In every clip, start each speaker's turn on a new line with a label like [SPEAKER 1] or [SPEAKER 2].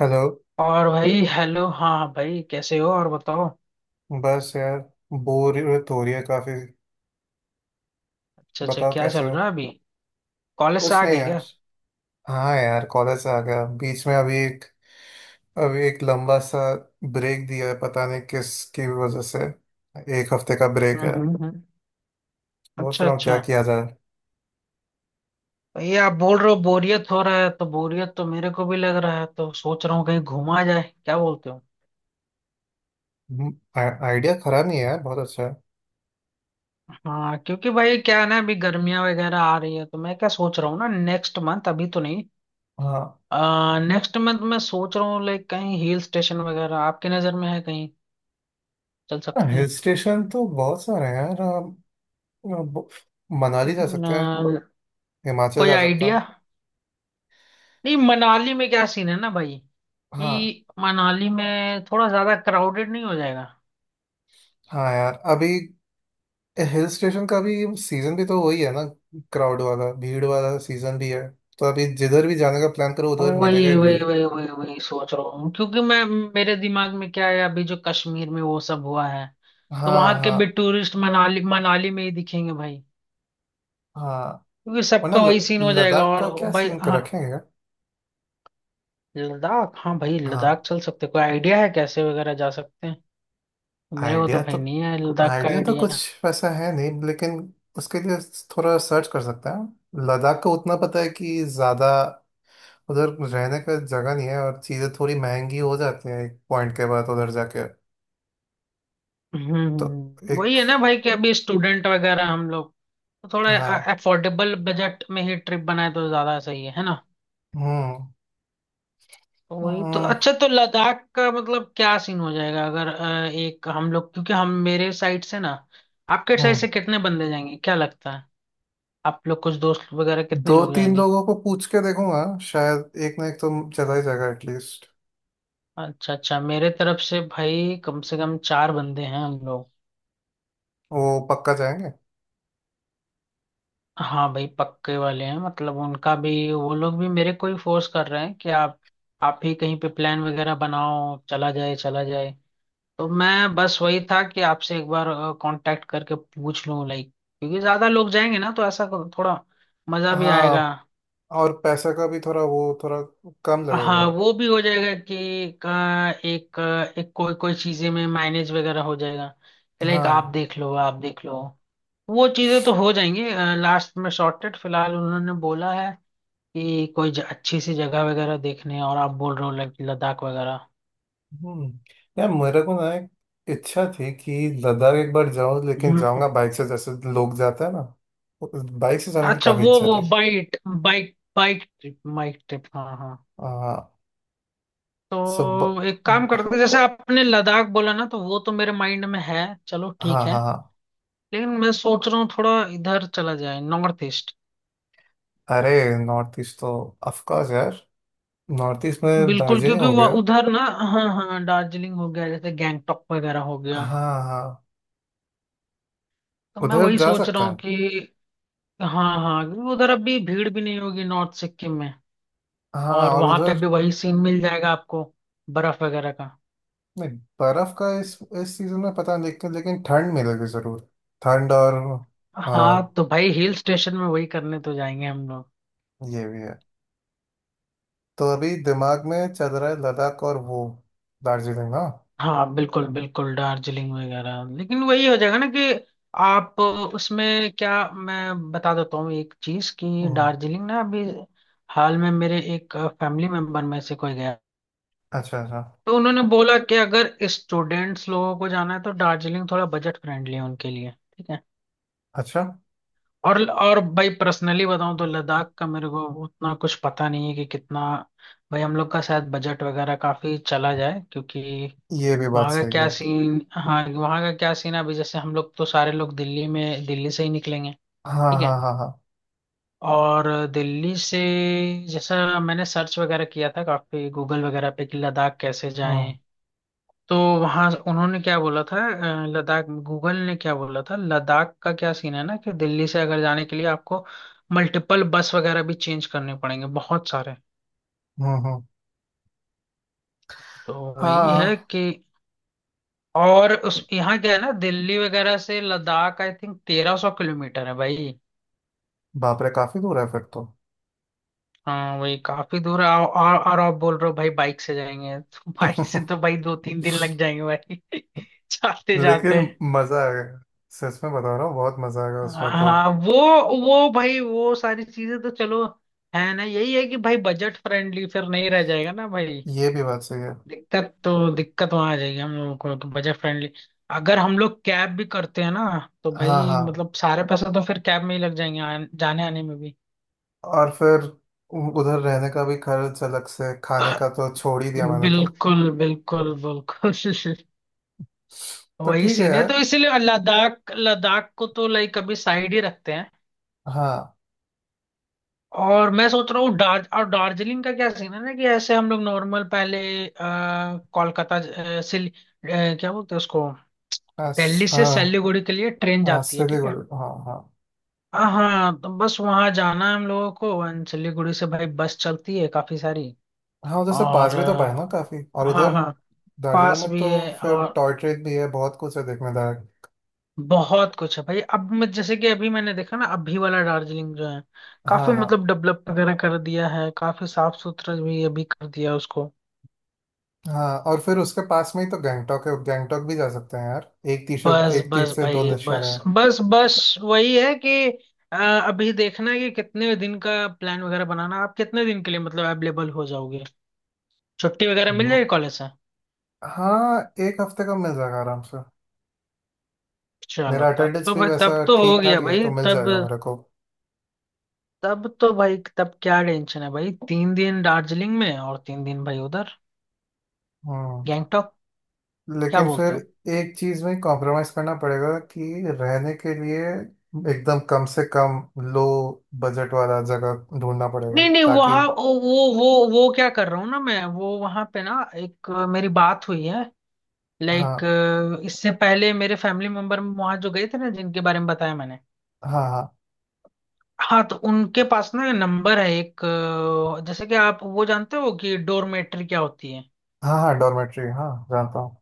[SPEAKER 1] Hello.
[SPEAKER 2] और भाई hello. हाँ भाई, कैसे हो? और बताओ।
[SPEAKER 1] बस यार, बोरियत हो रही है काफी।
[SPEAKER 2] अच्छा अच्छा,
[SPEAKER 1] बताओ
[SPEAKER 2] क्या
[SPEAKER 1] कैसे
[SPEAKER 2] चल
[SPEAKER 1] हो।
[SPEAKER 2] रहा है अभी? कॉलेज से
[SPEAKER 1] कुछ
[SPEAKER 2] आ
[SPEAKER 1] नहीं
[SPEAKER 2] गए क्या?
[SPEAKER 1] यार। हाँ यार, कॉलेज से आ गया बीच में। अभी एक लंबा सा ब्रेक दिया है, पता नहीं किसकी वजह से। एक हफ्ते का ब्रेक
[SPEAKER 2] हम्म
[SPEAKER 1] है।
[SPEAKER 2] हम्म हम्म।
[SPEAKER 1] सोच
[SPEAKER 2] अच्छा
[SPEAKER 1] रहा हूँ क्या
[SPEAKER 2] अच्छा।
[SPEAKER 1] किया जाए।
[SPEAKER 2] भाई, आप बोल रहे हो बोरियत हो रहा है, तो बोरियत तो मेरे को भी लग रहा है, तो सोच रहा हूँ कहीं घुमा जाए, क्या बोलते हो?
[SPEAKER 1] आइडिया खराब नहीं है यार, बहुत अच्छा है।
[SPEAKER 2] हाँ, क्योंकि भाई क्या है ना, अभी गर्मियाँ वगैरह आ रही है, तो मैं क्या सोच रहा हूँ ना नेक्स्ट मंथ, अभी तो नहीं।
[SPEAKER 1] हाँ।
[SPEAKER 2] नेक्स्ट मंथ मैं सोच रहा हूँ लाइक कहीं हिल स्टेशन वगैरह आपकी नज़र में है, कहीं चल सकते
[SPEAKER 1] हिल
[SPEAKER 2] हैं?
[SPEAKER 1] स्टेशन तो बहुत सारे हैं यार। हम- मनाली जा सकते हैं,
[SPEAKER 2] न,
[SPEAKER 1] हिमाचल
[SPEAKER 2] कोई
[SPEAKER 1] जा सकता
[SPEAKER 2] आइडिया?
[SPEAKER 1] हूँ।
[SPEAKER 2] नहीं, मनाली में क्या सीन है ना भाई,
[SPEAKER 1] हाँ।
[SPEAKER 2] कि मनाली में थोड़ा ज्यादा क्राउडेड नहीं हो जाएगा?
[SPEAKER 1] हाँ यार, अभी हिल स्टेशन का भी सीजन भी तो वही है ना, क्राउड वाला भीड़ वाला सीजन भी है। तो अभी जिधर भी जाने का प्लान करो उधर
[SPEAKER 2] वही
[SPEAKER 1] मिलेगा ही
[SPEAKER 2] वही
[SPEAKER 1] भीड़।
[SPEAKER 2] वही वही वही सोच रहा हूँ, क्योंकि मैं मेरे दिमाग में क्या है, अभी जो कश्मीर में वो सब हुआ है, तो
[SPEAKER 1] हाँ
[SPEAKER 2] वहां के भी
[SPEAKER 1] हाँ
[SPEAKER 2] टूरिस्ट मनाली मनाली में ही दिखेंगे भाई,
[SPEAKER 1] हाँ।
[SPEAKER 2] क्योंकि
[SPEAKER 1] वरना
[SPEAKER 2] सबका
[SPEAKER 1] ल-
[SPEAKER 2] वही सीन हो जाएगा।
[SPEAKER 1] लद्दाख
[SPEAKER 2] और
[SPEAKER 1] का क्या
[SPEAKER 2] भाई,
[SPEAKER 1] सीन कर
[SPEAKER 2] हाँ,
[SPEAKER 1] रखेंगे यार?
[SPEAKER 2] लद्दाख, हाँ भाई,
[SPEAKER 1] हाँ।
[SPEAKER 2] लद्दाख चल सकते, कोई आइडिया है कैसे वगैरह जा सकते हैं? मेरे को तो
[SPEAKER 1] आइडिया
[SPEAKER 2] भाई
[SPEAKER 1] तो
[SPEAKER 2] नहीं है लद्दाख का
[SPEAKER 1] आइडिया तो कुछ
[SPEAKER 2] आइडिया।
[SPEAKER 1] वैसा है नहीं, लेकिन उसके लिए थोड़ा सर्च कर सकते हैं। लद्दाख का उतना पता है कि ज़्यादा उधर रहने का जगह नहीं है, और चीज़ें थोड़ी महंगी हो जाती हैं एक पॉइंट के बाद उधर जाके। तो
[SPEAKER 2] वही
[SPEAKER 1] एक।
[SPEAKER 2] है ना भाई, कि अभी स्टूडेंट वगैरह हम लोग तो थोड़ा
[SPEAKER 1] हाँ।
[SPEAKER 2] अफोर्डेबल बजट में ही ट्रिप बनाए तो ज्यादा सही है ना?
[SPEAKER 1] हम्म
[SPEAKER 2] वही तो।
[SPEAKER 1] हम्म।
[SPEAKER 2] अच्छा, तो लद्दाख का मतलब क्या सीन हो जाएगा? अगर एक हम लोग, क्योंकि हम मेरे साइड से ना, आपके साइड
[SPEAKER 1] हाँ।
[SPEAKER 2] से कितने बंदे जाएंगे, क्या लगता है? आप लोग कुछ दोस्त वगैरह कितने
[SPEAKER 1] दो
[SPEAKER 2] लोग
[SPEAKER 1] तीन
[SPEAKER 2] जाएंगे?
[SPEAKER 1] लोगों को पूछ के देखूंगा, शायद एक ना एक तो चला ही जाएगा एटलीस्ट।
[SPEAKER 2] अच्छा अच्छा, मेरे तरफ से भाई कम से कम चार बंदे हैं हम लोग।
[SPEAKER 1] वो पक्का जाएंगे।
[SPEAKER 2] हाँ भाई, पक्के वाले हैं, मतलब उनका भी, वो लोग भी मेरे को ही फोर्स कर रहे हैं कि आप ही कहीं पे प्लान वगैरह बनाओ, चला जाए चला जाए। तो मैं बस वही था कि आपसे एक बार कांटेक्ट करके पूछ लूं, लाइक, क्योंकि ज्यादा लोग जाएंगे ना तो ऐसा थोड़ा मजा भी
[SPEAKER 1] हाँ,
[SPEAKER 2] आएगा।
[SPEAKER 1] और पैसा का भी थोड़ा वो थोड़ा कम लगेगा।
[SPEAKER 2] हाँ, वो भी हो जाएगा कि का एक एक कोई कोई चीजें में माइनेज वगैरह हो जाएगा, लाइक
[SPEAKER 1] हाँ।
[SPEAKER 2] आप देख लो आप देख लो, वो चीजें तो हो जाएंगी। लास्ट में सॉर्टेड। फिलहाल उन्होंने बोला है कि कोई अच्छी सी जगह वगैरह देखने, और आप बोल रहे हो लाइक लद्दाख वगैरह।
[SPEAKER 1] हम्म। यार मेरे को ना एक इच्छा थी कि लद्दाख एक बार जाऊं, लेकिन
[SPEAKER 2] हम्म
[SPEAKER 1] जाऊंगा
[SPEAKER 2] हम्म।
[SPEAKER 1] बाइक से जैसे लोग जाते हैं ना। बाइक से जाने की
[SPEAKER 2] अच्छा,
[SPEAKER 1] काफी
[SPEAKER 2] वो
[SPEAKER 1] इच्छा
[SPEAKER 2] वो
[SPEAKER 1] थी।
[SPEAKER 2] Bike bike bike trip bike trip, हाँ हाँ।
[SPEAKER 1] हाँ। सब।
[SPEAKER 2] तो एक काम करते हैं, जैसे आपने लद्दाख बोला ना, तो वो तो मेरे माइंड में है, चलो
[SPEAKER 1] हाँ
[SPEAKER 2] ठीक
[SPEAKER 1] हाँ
[SPEAKER 2] है,
[SPEAKER 1] हाँ।
[SPEAKER 2] लेकिन मैं सोच रहा हूँ थोड़ा इधर चला जाए नॉर्थ ईस्ट।
[SPEAKER 1] अरे नॉर्थ ईस्ट तो ऑफ कोर्स यार। नॉर्थ ईस्ट में
[SPEAKER 2] बिल्कुल,
[SPEAKER 1] दार्जिलिंग
[SPEAKER 2] क्योंकि
[SPEAKER 1] हो
[SPEAKER 2] वो
[SPEAKER 1] गया।
[SPEAKER 2] उधर ना, हाँ हाँ, दार्जिलिंग हो गया, जैसे गैंगटॉक वगैरह हो गया,
[SPEAKER 1] हाँ हाँ।
[SPEAKER 2] तो मैं
[SPEAKER 1] उधर
[SPEAKER 2] वही
[SPEAKER 1] जा
[SPEAKER 2] सोच रहा
[SPEAKER 1] सकता
[SPEAKER 2] हूँ
[SPEAKER 1] है।
[SPEAKER 2] कि, हाँ हाँ, क्योंकि उधर अभी भीड़ भी नहीं होगी नॉर्थ सिक्किम में,
[SPEAKER 1] हाँ,
[SPEAKER 2] और
[SPEAKER 1] और
[SPEAKER 2] वहां पे
[SPEAKER 1] उधर।
[SPEAKER 2] भी वही सीन मिल जाएगा आपको, बर्फ वगैरह का।
[SPEAKER 1] नहीं, बर्फ का इस सीजन में पता नहीं, लेकिन लेकिन ठंड मिलेगी जरूर। ठंड और। आ,
[SPEAKER 2] हाँ, तो भाई हिल स्टेशन में वही करने तो जाएंगे हम।
[SPEAKER 1] ये भी है। तो अभी दिमाग में चल रहा है लद्दाख और वो दार्जिलिंग ना।
[SPEAKER 2] हाँ बिल्कुल बिल्कुल, दार्जिलिंग वगैरह, लेकिन वही हो जाएगा ना कि आप उसमें, क्या मैं बता देता हूँ एक चीज, कि
[SPEAKER 1] हम्म,
[SPEAKER 2] दार्जिलिंग ना अभी हाल में मेरे एक फैमिली मेंबर में से कोई गया,
[SPEAKER 1] अच्छा अच्छा
[SPEAKER 2] तो उन्होंने बोला कि अगर स्टूडेंट्स लोगों को जाना है तो दार्जिलिंग थोड़ा बजट फ्रेंडली है उनके लिए, ठीक है।
[SPEAKER 1] अच्छा।
[SPEAKER 2] और भाई, पर्सनली बताऊं तो लद्दाख का मेरे को उतना कुछ पता नहीं है कि कितना, भाई हम लोग का शायद बजट वगैरह काफी चला जाए, क्योंकि
[SPEAKER 1] ये भी बात
[SPEAKER 2] वहाँ का
[SPEAKER 1] सही
[SPEAKER 2] क्या
[SPEAKER 1] है।
[SPEAKER 2] सीन, हाँ, वहाँ का क्या सीन है अभी, जैसे हम लोग तो सारे लोग दिल्ली में, दिल्ली से ही निकलेंगे,
[SPEAKER 1] हाँ
[SPEAKER 2] ठीक है,
[SPEAKER 1] हाँ हाँ हाँ।
[SPEAKER 2] और दिल्ली से, जैसा मैंने सर्च वगैरह किया था काफी गूगल वगैरह पे कि लद्दाख कैसे
[SPEAKER 1] हम्म
[SPEAKER 2] जाएं, तो वहाँ उन्होंने क्या बोला था, लद्दाख, गूगल ने क्या बोला था, लद्दाख का क्या सीन है ना कि दिल्ली से अगर जाने के लिए आपको मल्टीपल बस वगैरह भी चेंज करने पड़ेंगे बहुत सारे।
[SPEAKER 1] हम्म हम्म,
[SPEAKER 2] तो वही है
[SPEAKER 1] हाँ।
[SPEAKER 2] कि, और उस यहाँ क्या है ना, दिल्ली वगैरह से लद्दाख आई थिंक 1300 किलोमीटर है भाई।
[SPEAKER 1] बाप रे, काफी दूर है फिर तो।
[SPEAKER 2] हाँ वही, काफी दूर है, और और आप बोल रहे हो भाई बाइक से जाएंगे तो बाइक से तो भाई 2-3 दिन लग जाएंगे भाई जाते
[SPEAKER 1] लेकिन
[SPEAKER 2] जाते।
[SPEAKER 1] मजा आएगा, सच में बता रहा हूँ, बहुत मजा आएगा उसमें तो।
[SPEAKER 2] हाँ वो भाई वो सारी चीजें तो चलो, है ना, यही है कि भाई बजट फ्रेंडली फिर नहीं रह जाएगा ना भाई,
[SPEAKER 1] ये भी बात सही है।
[SPEAKER 2] दिक्कत तो दिक्कत वहां आ जाएगी हम लोगों को, तो बजट फ्रेंडली। अगर हम लोग कैब भी करते हैं ना, तो
[SPEAKER 1] हाँ
[SPEAKER 2] भाई
[SPEAKER 1] हाँ।
[SPEAKER 2] मतलब सारे पैसे तो फिर कैब में ही लग जाएंगे जाने आने में भी।
[SPEAKER 1] और फिर उधर रहने का भी खर्च अलग से, खाने का तो छोड़ ही दिया मैंने तो।
[SPEAKER 2] बिल्कुल बिल्कुल बिल्कुल।
[SPEAKER 1] तो
[SPEAKER 2] वही
[SPEAKER 1] ठीक है
[SPEAKER 2] सीन है,
[SPEAKER 1] यार।
[SPEAKER 2] तो इसीलिए लद्दाख, लद्दाख को तो लाइक अभी साइड ही रखते हैं,
[SPEAKER 1] हाँ।
[SPEAKER 2] और मैं सोच रहा हूँ दार्ज और दार्जिलिंग का क्या सीन है ना, कि ऐसे हम लोग नॉर्मल पहले अ, कोलकाता क्या बोलते हैं उसको, दिल्ली
[SPEAKER 1] आस,
[SPEAKER 2] से
[SPEAKER 1] हाँ।
[SPEAKER 2] सिलीगुड़ी के लिए ट्रेन
[SPEAKER 1] हाँ
[SPEAKER 2] जाती है, ठीक है,
[SPEAKER 1] सिलीगुड़ी हाँ हाँ।
[SPEAKER 2] हाँ हाँ, तो बस वहाँ जाना है हम लोगों को, अंचली गुड़ी से भाई बस चलती है काफी सारी,
[SPEAKER 1] हाँ, उधर से पास
[SPEAKER 2] और
[SPEAKER 1] भी तो पड़े ना काफी। और
[SPEAKER 2] हाँ
[SPEAKER 1] उधर
[SPEAKER 2] हाँ,
[SPEAKER 1] दार्जिलिंग
[SPEAKER 2] पास
[SPEAKER 1] में
[SPEAKER 2] भी
[SPEAKER 1] तो
[SPEAKER 2] है,
[SPEAKER 1] फिर
[SPEAKER 2] और
[SPEAKER 1] टॉय ट्रेन भी है, बहुत कुछ है देखने लायक।
[SPEAKER 2] बहुत कुछ है भाई। अब मैं जैसे कि अभी मैंने देखा ना, अभी वाला दार्जिलिंग जो है,
[SPEAKER 1] हाँ
[SPEAKER 2] काफी
[SPEAKER 1] हाँ
[SPEAKER 2] मतलब डेवलप वगैरह कर दिया है, काफी साफ सुथरा भी अभी कर दिया उसको,
[SPEAKER 1] हाँ। और फिर उसके पास में ही तो गैंगटॉक है, गैंगटॉक भी जा सकते हैं यार, एक तीर से।
[SPEAKER 2] बस
[SPEAKER 1] एक तीर
[SPEAKER 2] बस
[SPEAKER 1] से दो
[SPEAKER 2] भाई
[SPEAKER 1] निशान है।
[SPEAKER 2] बस बस बस। वही है कि अ, अभी देखना है कि कितने दिन का प्लान वगैरह बनाना, आप कितने दिन के लिए मतलब अवेलेबल हो जाओगे, छुट्टी वगैरह मिल
[SPEAKER 1] हम्म,
[SPEAKER 2] जाएगी कॉलेज से?
[SPEAKER 1] हाँ। एक हफ्ते का मिल जाएगा आराम से।
[SPEAKER 2] चलो,
[SPEAKER 1] मेरा
[SPEAKER 2] तब
[SPEAKER 1] अटेंडेंस
[SPEAKER 2] तो
[SPEAKER 1] भी
[SPEAKER 2] भाई
[SPEAKER 1] वैसा
[SPEAKER 2] तब तो हो
[SPEAKER 1] ठीक ठाक
[SPEAKER 2] गया
[SPEAKER 1] ही है,
[SPEAKER 2] भाई,
[SPEAKER 1] तो मिल
[SPEAKER 2] तब,
[SPEAKER 1] जाएगा मेरे को।
[SPEAKER 2] तब तो भाई, तब क्या टेंशन है भाई? 3 दिन दार्जिलिंग में और 3 दिन भाई उधर
[SPEAKER 1] हम्म।
[SPEAKER 2] गैंगटॉक, क्या
[SPEAKER 1] लेकिन फिर
[SPEAKER 2] बोलते हो?
[SPEAKER 1] एक चीज में कॉम्प्रोमाइज करना पड़ेगा कि रहने के लिए एकदम कम से कम लो बजट वाला जगह ढूंढना पड़ेगा,
[SPEAKER 2] नहीं नहीं,
[SPEAKER 1] ताकि।
[SPEAKER 2] वहाँ वो क्या कर रहा हूँ ना मैं, वो वहाँ पे ना एक मेरी बात हुई है, लाइक
[SPEAKER 1] हाँ
[SPEAKER 2] इससे पहले मेरे फैमिली मेंबर वहाँ जो गए थे ना, जिनके बारे में बताया मैंने,
[SPEAKER 1] हाँ हाँ
[SPEAKER 2] हाँ, तो उनके पास ना नंबर है एक, जैसे कि आप वो जानते हो कि डोरमेट्री क्या होती है,
[SPEAKER 1] हाँ। हाँ डॉर्मेट्री हाँ जानता हूँ।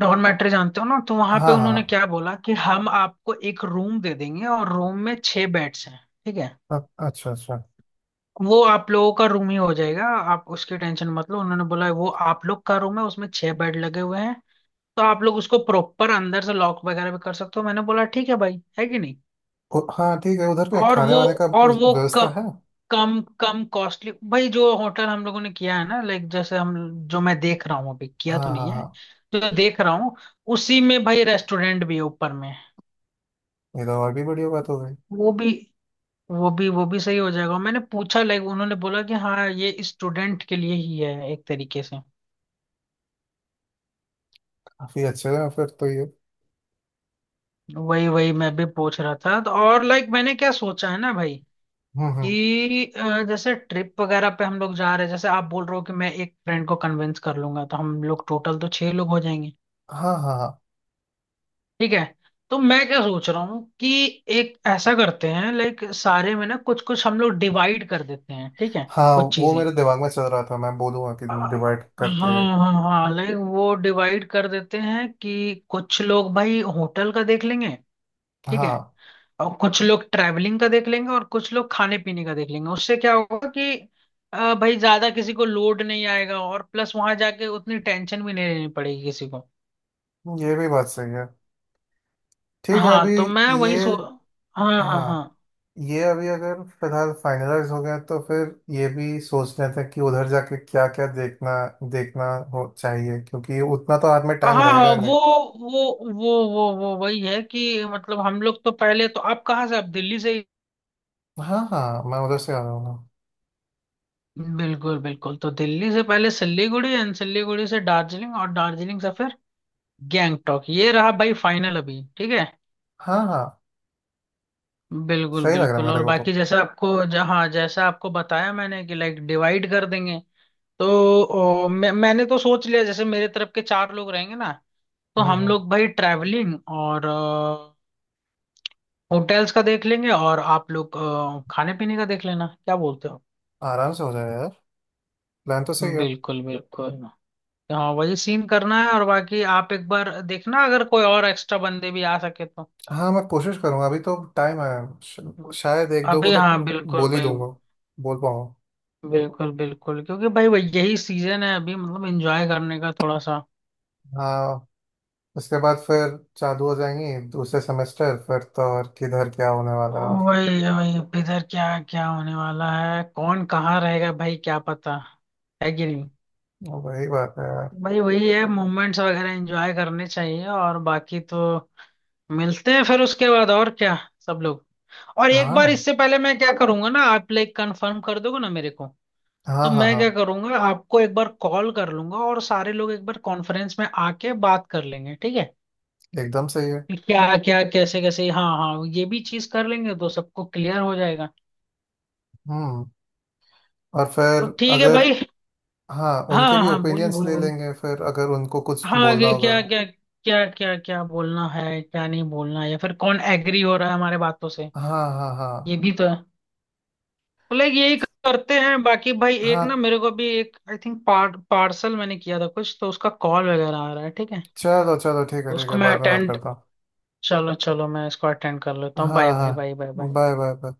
[SPEAKER 2] डॉर्मेट्री जानते हो ना? तो वहां पे
[SPEAKER 1] हाँ हाँ
[SPEAKER 2] उन्होंने
[SPEAKER 1] हाँ,
[SPEAKER 2] क्या बोला कि हम आपको एक रूम दे देंगे, और रूम में 6 बेड्स हैं, ठीक है।
[SPEAKER 1] अच्छा अच्छा।
[SPEAKER 2] वो आप लोगों का रूम ही हो जाएगा, आप उसकी टेंशन मत लो, उन्होंने बोला वो आप लोग का रूम है, उसमें 6 बेड लगे हुए हैं, तो आप लोग उसको प्रॉपर अंदर से लॉक वगैरह भी कर सकते हो, मैंने बोला ठीक है भाई, है कि नहीं।
[SPEAKER 1] हाँ ठीक है, उधर क्या
[SPEAKER 2] और
[SPEAKER 1] खाने
[SPEAKER 2] वो
[SPEAKER 1] वाने का
[SPEAKER 2] और वो
[SPEAKER 1] व्यवस्था है।
[SPEAKER 2] कम कम कॉस्टली भाई, जो होटल हम लोगों ने किया है ना, लाइक जैसे हम, जो मैं देख रहा हूँ, अभी किया
[SPEAKER 1] हाँ
[SPEAKER 2] तो
[SPEAKER 1] हाँ
[SPEAKER 2] नहीं है,
[SPEAKER 1] हाँ।
[SPEAKER 2] जो देख रहा हूँ, उसी में भाई रेस्टोरेंट भी है ऊपर में,
[SPEAKER 1] ये तो और भी बढ़िया बात हो गई।
[SPEAKER 2] वो भी वो भी सही हो जाएगा। मैंने पूछा, लाइक उन्होंने बोला कि हाँ, ये स्टूडेंट के लिए ही है एक तरीके से।
[SPEAKER 1] काफी अच्छे हैं फिर तो ये।
[SPEAKER 2] वही वही मैं भी पूछ रहा था तो, और लाइक मैंने क्या सोचा है ना भाई,
[SPEAKER 1] हम्म।
[SPEAKER 2] कि जैसे ट्रिप वगैरह पे हम लोग जा रहे हैं, जैसे आप बोल रहे हो कि मैं एक फ्रेंड को कन्विंस कर लूंगा, तो हम लोग टोटल तो 6 लोग हो जाएंगे,
[SPEAKER 1] हाँ हाँ हाँ
[SPEAKER 2] ठीक है। तो मैं क्या सोच रहा हूँ कि एक ऐसा करते हैं, लाइक सारे में ना कुछ कुछ हम लोग डिवाइड कर देते हैं, ठीक है,
[SPEAKER 1] हाँ।
[SPEAKER 2] कुछ
[SPEAKER 1] वो
[SPEAKER 2] चीजें।
[SPEAKER 1] मेरे दिमाग में चल रहा था, मैं बोलूँगा कि डिवाइड
[SPEAKER 2] हाँ
[SPEAKER 1] करके।
[SPEAKER 2] हाँ हाँ, लेकिन वो डिवाइड कर देते हैं कि कुछ लोग भाई होटल का देख लेंगे, ठीक है,
[SPEAKER 1] हाँ।
[SPEAKER 2] और कुछ लोग ट्रैवलिंग का देख लेंगे, और कुछ लोग खाने पीने का देख लेंगे, उससे क्या होगा कि भाई ज्यादा किसी को लोड नहीं आएगा, और प्लस वहां जाके उतनी टेंशन भी नहीं लेनी पड़ेगी किसी को।
[SPEAKER 1] ये भी बात सही है। ठीक है
[SPEAKER 2] हाँ,
[SPEAKER 1] अभी।
[SPEAKER 2] तो मैं
[SPEAKER 1] ये।
[SPEAKER 2] वही सो, हाँ हाँ
[SPEAKER 1] हाँ।
[SPEAKER 2] हाँ
[SPEAKER 1] ये अभी अगर फिलहाल फाइनलाइज हो गया तो फिर ये भी सोच लेते हैं कि उधर जाके क्या क्या देखना, देखना हो चाहिए, क्योंकि उतना तो हाथ में
[SPEAKER 2] हाँ
[SPEAKER 1] टाइम
[SPEAKER 2] हाँ,
[SPEAKER 1] रहेगा ही नहीं।
[SPEAKER 2] वो वो वही है कि, मतलब हम लोग तो पहले तो, आप कहाँ से, आप दिल्ली से,
[SPEAKER 1] हाँ हाँ, मैं उधर से आ जाऊंगा।
[SPEAKER 2] बिल्कुल बिल्कुल, तो दिल्ली से पहले सिल्लीगुड़ी एंड सिल्लीगुड़ी से दार्जिलिंग और दार्जिलिंग से फिर गैंगटॉक। ये रहा भाई फाइनल अभी, ठीक है?
[SPEAKER 1] हाँ हाँ।
[SPEAKER 2] बिल्कुल
[SPEAKER 1] सही लग रहा है
[SPEAKER 2] बिल्कुल,
[SPEAKER 1] मेरे
[SPEAKER 2] और
[SPEAKER 1] को तो।
[SPEAKER 2] बाकी जैसे आपको जहाँ, जैसा आपको बताया मैंने कि लाइक डिवाइड कर देंगे, तो ओ, मैंने तो सोच लिया जैसे मेरे तरफ के चार लोग रहेंगे ना, तो हम
[SPEAKER 1] हम्म।
[SPEAKER 2] लोग भाई ट्रैवलिंग और होटल्स का देख लेंगे, और आप लोग खाने पीने का देख लेना, क्या बोलते हो?
[SPEAKER 1] आराम से हो जाएगा यार। प्लान तो सही है।
[SPEAKER 2] बिल्कुल बिल्कुल। हाँ वही सीन करना है, और बाकी आप एक बार देखना अगर कोई और एक्स्ट्रा बंदे भी आ सके तो,
[SPEAKER 1] हाँ, मैं कोशिश करूंगा, अभी तो टाइम है। श- शायद एक दो को
[SPEAKER 2] अभी,
[SPEAKER 1] तो
[SPEAKER 2] हाँ बिल्कुल
[SPEAKER 1] बोल ही
[SPEAKER 2] भाई,
[SPEAKER 1] दूंगा, बोल पाऊंगा।
[SPEAKER 2] बिल्कुल बिल्कुल। क्योंकि भाई वही, यही सीजन है अभी मतलब एंजॉय करने का थोड़ा सा।
[SPEAKER 1] हाँ, उसके बाद फिर चालू हो जाएंगी दूसरे सेमेस्टर, फिर तो और किधर क्या होने वाला है।
[SPEAKER 2] वही वही, अब इधर क्या क्या होने वाला है, कौन कहाँ रहेगा भाई, क्या पता, है कि नहीं?
[SPEAKER 1] और वही बात है यार।
[SPEAKER 2] भाई वही है, मोमेंट्स वगैरह एंजॉय करने चाहिए, और बाकी तो मिलते हैं फिर उसके बाद, और क्या सब लोग। और एक बार
[SPEAKER 1] हाँ
[SPEAKER 2] इससे पहले मैं क्या करूंगा ना, आप लाइक कंफर्म कर दोगे ना मेरे को, तो
[SPEAKER 1] हाँ हाँ
[SPEAKER 2] मैं
[SPEAKER 1] हाँ।
[SPEAKER 2] क्या करूंगा आपको एक बार कॉल कर लूंगा, और सारे लोग एक बार कॉन्फ्रेंस में आके बात कर लेंगे, ठीक है,
[SPEAKER 1] एकदम सही है।
[SPEAKER 2] कि क्या क्या कैसे कैसे। हाँ हाँ, ये भी चीज कर लेंगे तो सबको क्लियर हो जाएगा।
[SPEAKER 1] हम्म। और फिर
[SPEAKER 2] तो ठीक है
[SPEAKER 1] अगर।
[SPEAKER 2] भाई।
[SPEAKER 1] हाँ,
[SPEAKER 2] हाँ
[SPEAKER 1] उनके
[SPEAKER 2] हाँ
[SPEAKER 1] भी
[SPEAKER 2] हाँ, बोलिए
[SPEAKER 1] ओपिनियंस
[SPEAKER 2] बोलिए
[SPEAKER 1] ले
[SPEAKER 2] बोलिए,
[SPEAKER 1] लेंगे फिर अगर उनको कुछ
[SPEAKER 2] हाँ,
[SPEAKER 1] बोलना
[SPEAKER 2] आगे
[SPEAKER 1] होगा।
[SPEAKER 2] क्या क्या क्या क्या क्या बोलना है, क्या नहीं बोलना है, या फिर कौन एग्री हो रहा है हमारे बातों से,
[SPEAKER 1] हाँ हाँ हाँ
[SPEAKER 2] ये भी तो है। तो लाइक यही करते हैं, बाकी भाई एक
[SPEAKER 1] हाँ।
[SPEAKER 2] ना, मेरे को भी एक आई थिंक पार्सल मैंने किया था कुछ, तो उसका कॉल वगैरह आ रहा है, ठीक है,
[SPEAKER 1] चलो चलो ठीक है,
[SPEAKER 2] तो
[SPEAKER 1] ठीक
[SPEAKER 2] उसको
[SPEAKER 1] है
[SPEAKER 2] मैं
[SPEAKER 1] बाद में बात
[SPEAKER 2] अटेंड,
[SPEAKER 1] करता हूँ।
[SPEAKER 2] चलो चलो, मैं इसको अटेंड कर लेता हूँ।
[SPEAKER 1] हाँ
[SPEAKER 2] बाय बाय बाय बाय
[SPEAKER 1] हाँ।
[SPEAKER 2] बाय।
[SPEAKER 1] Bye bye bye.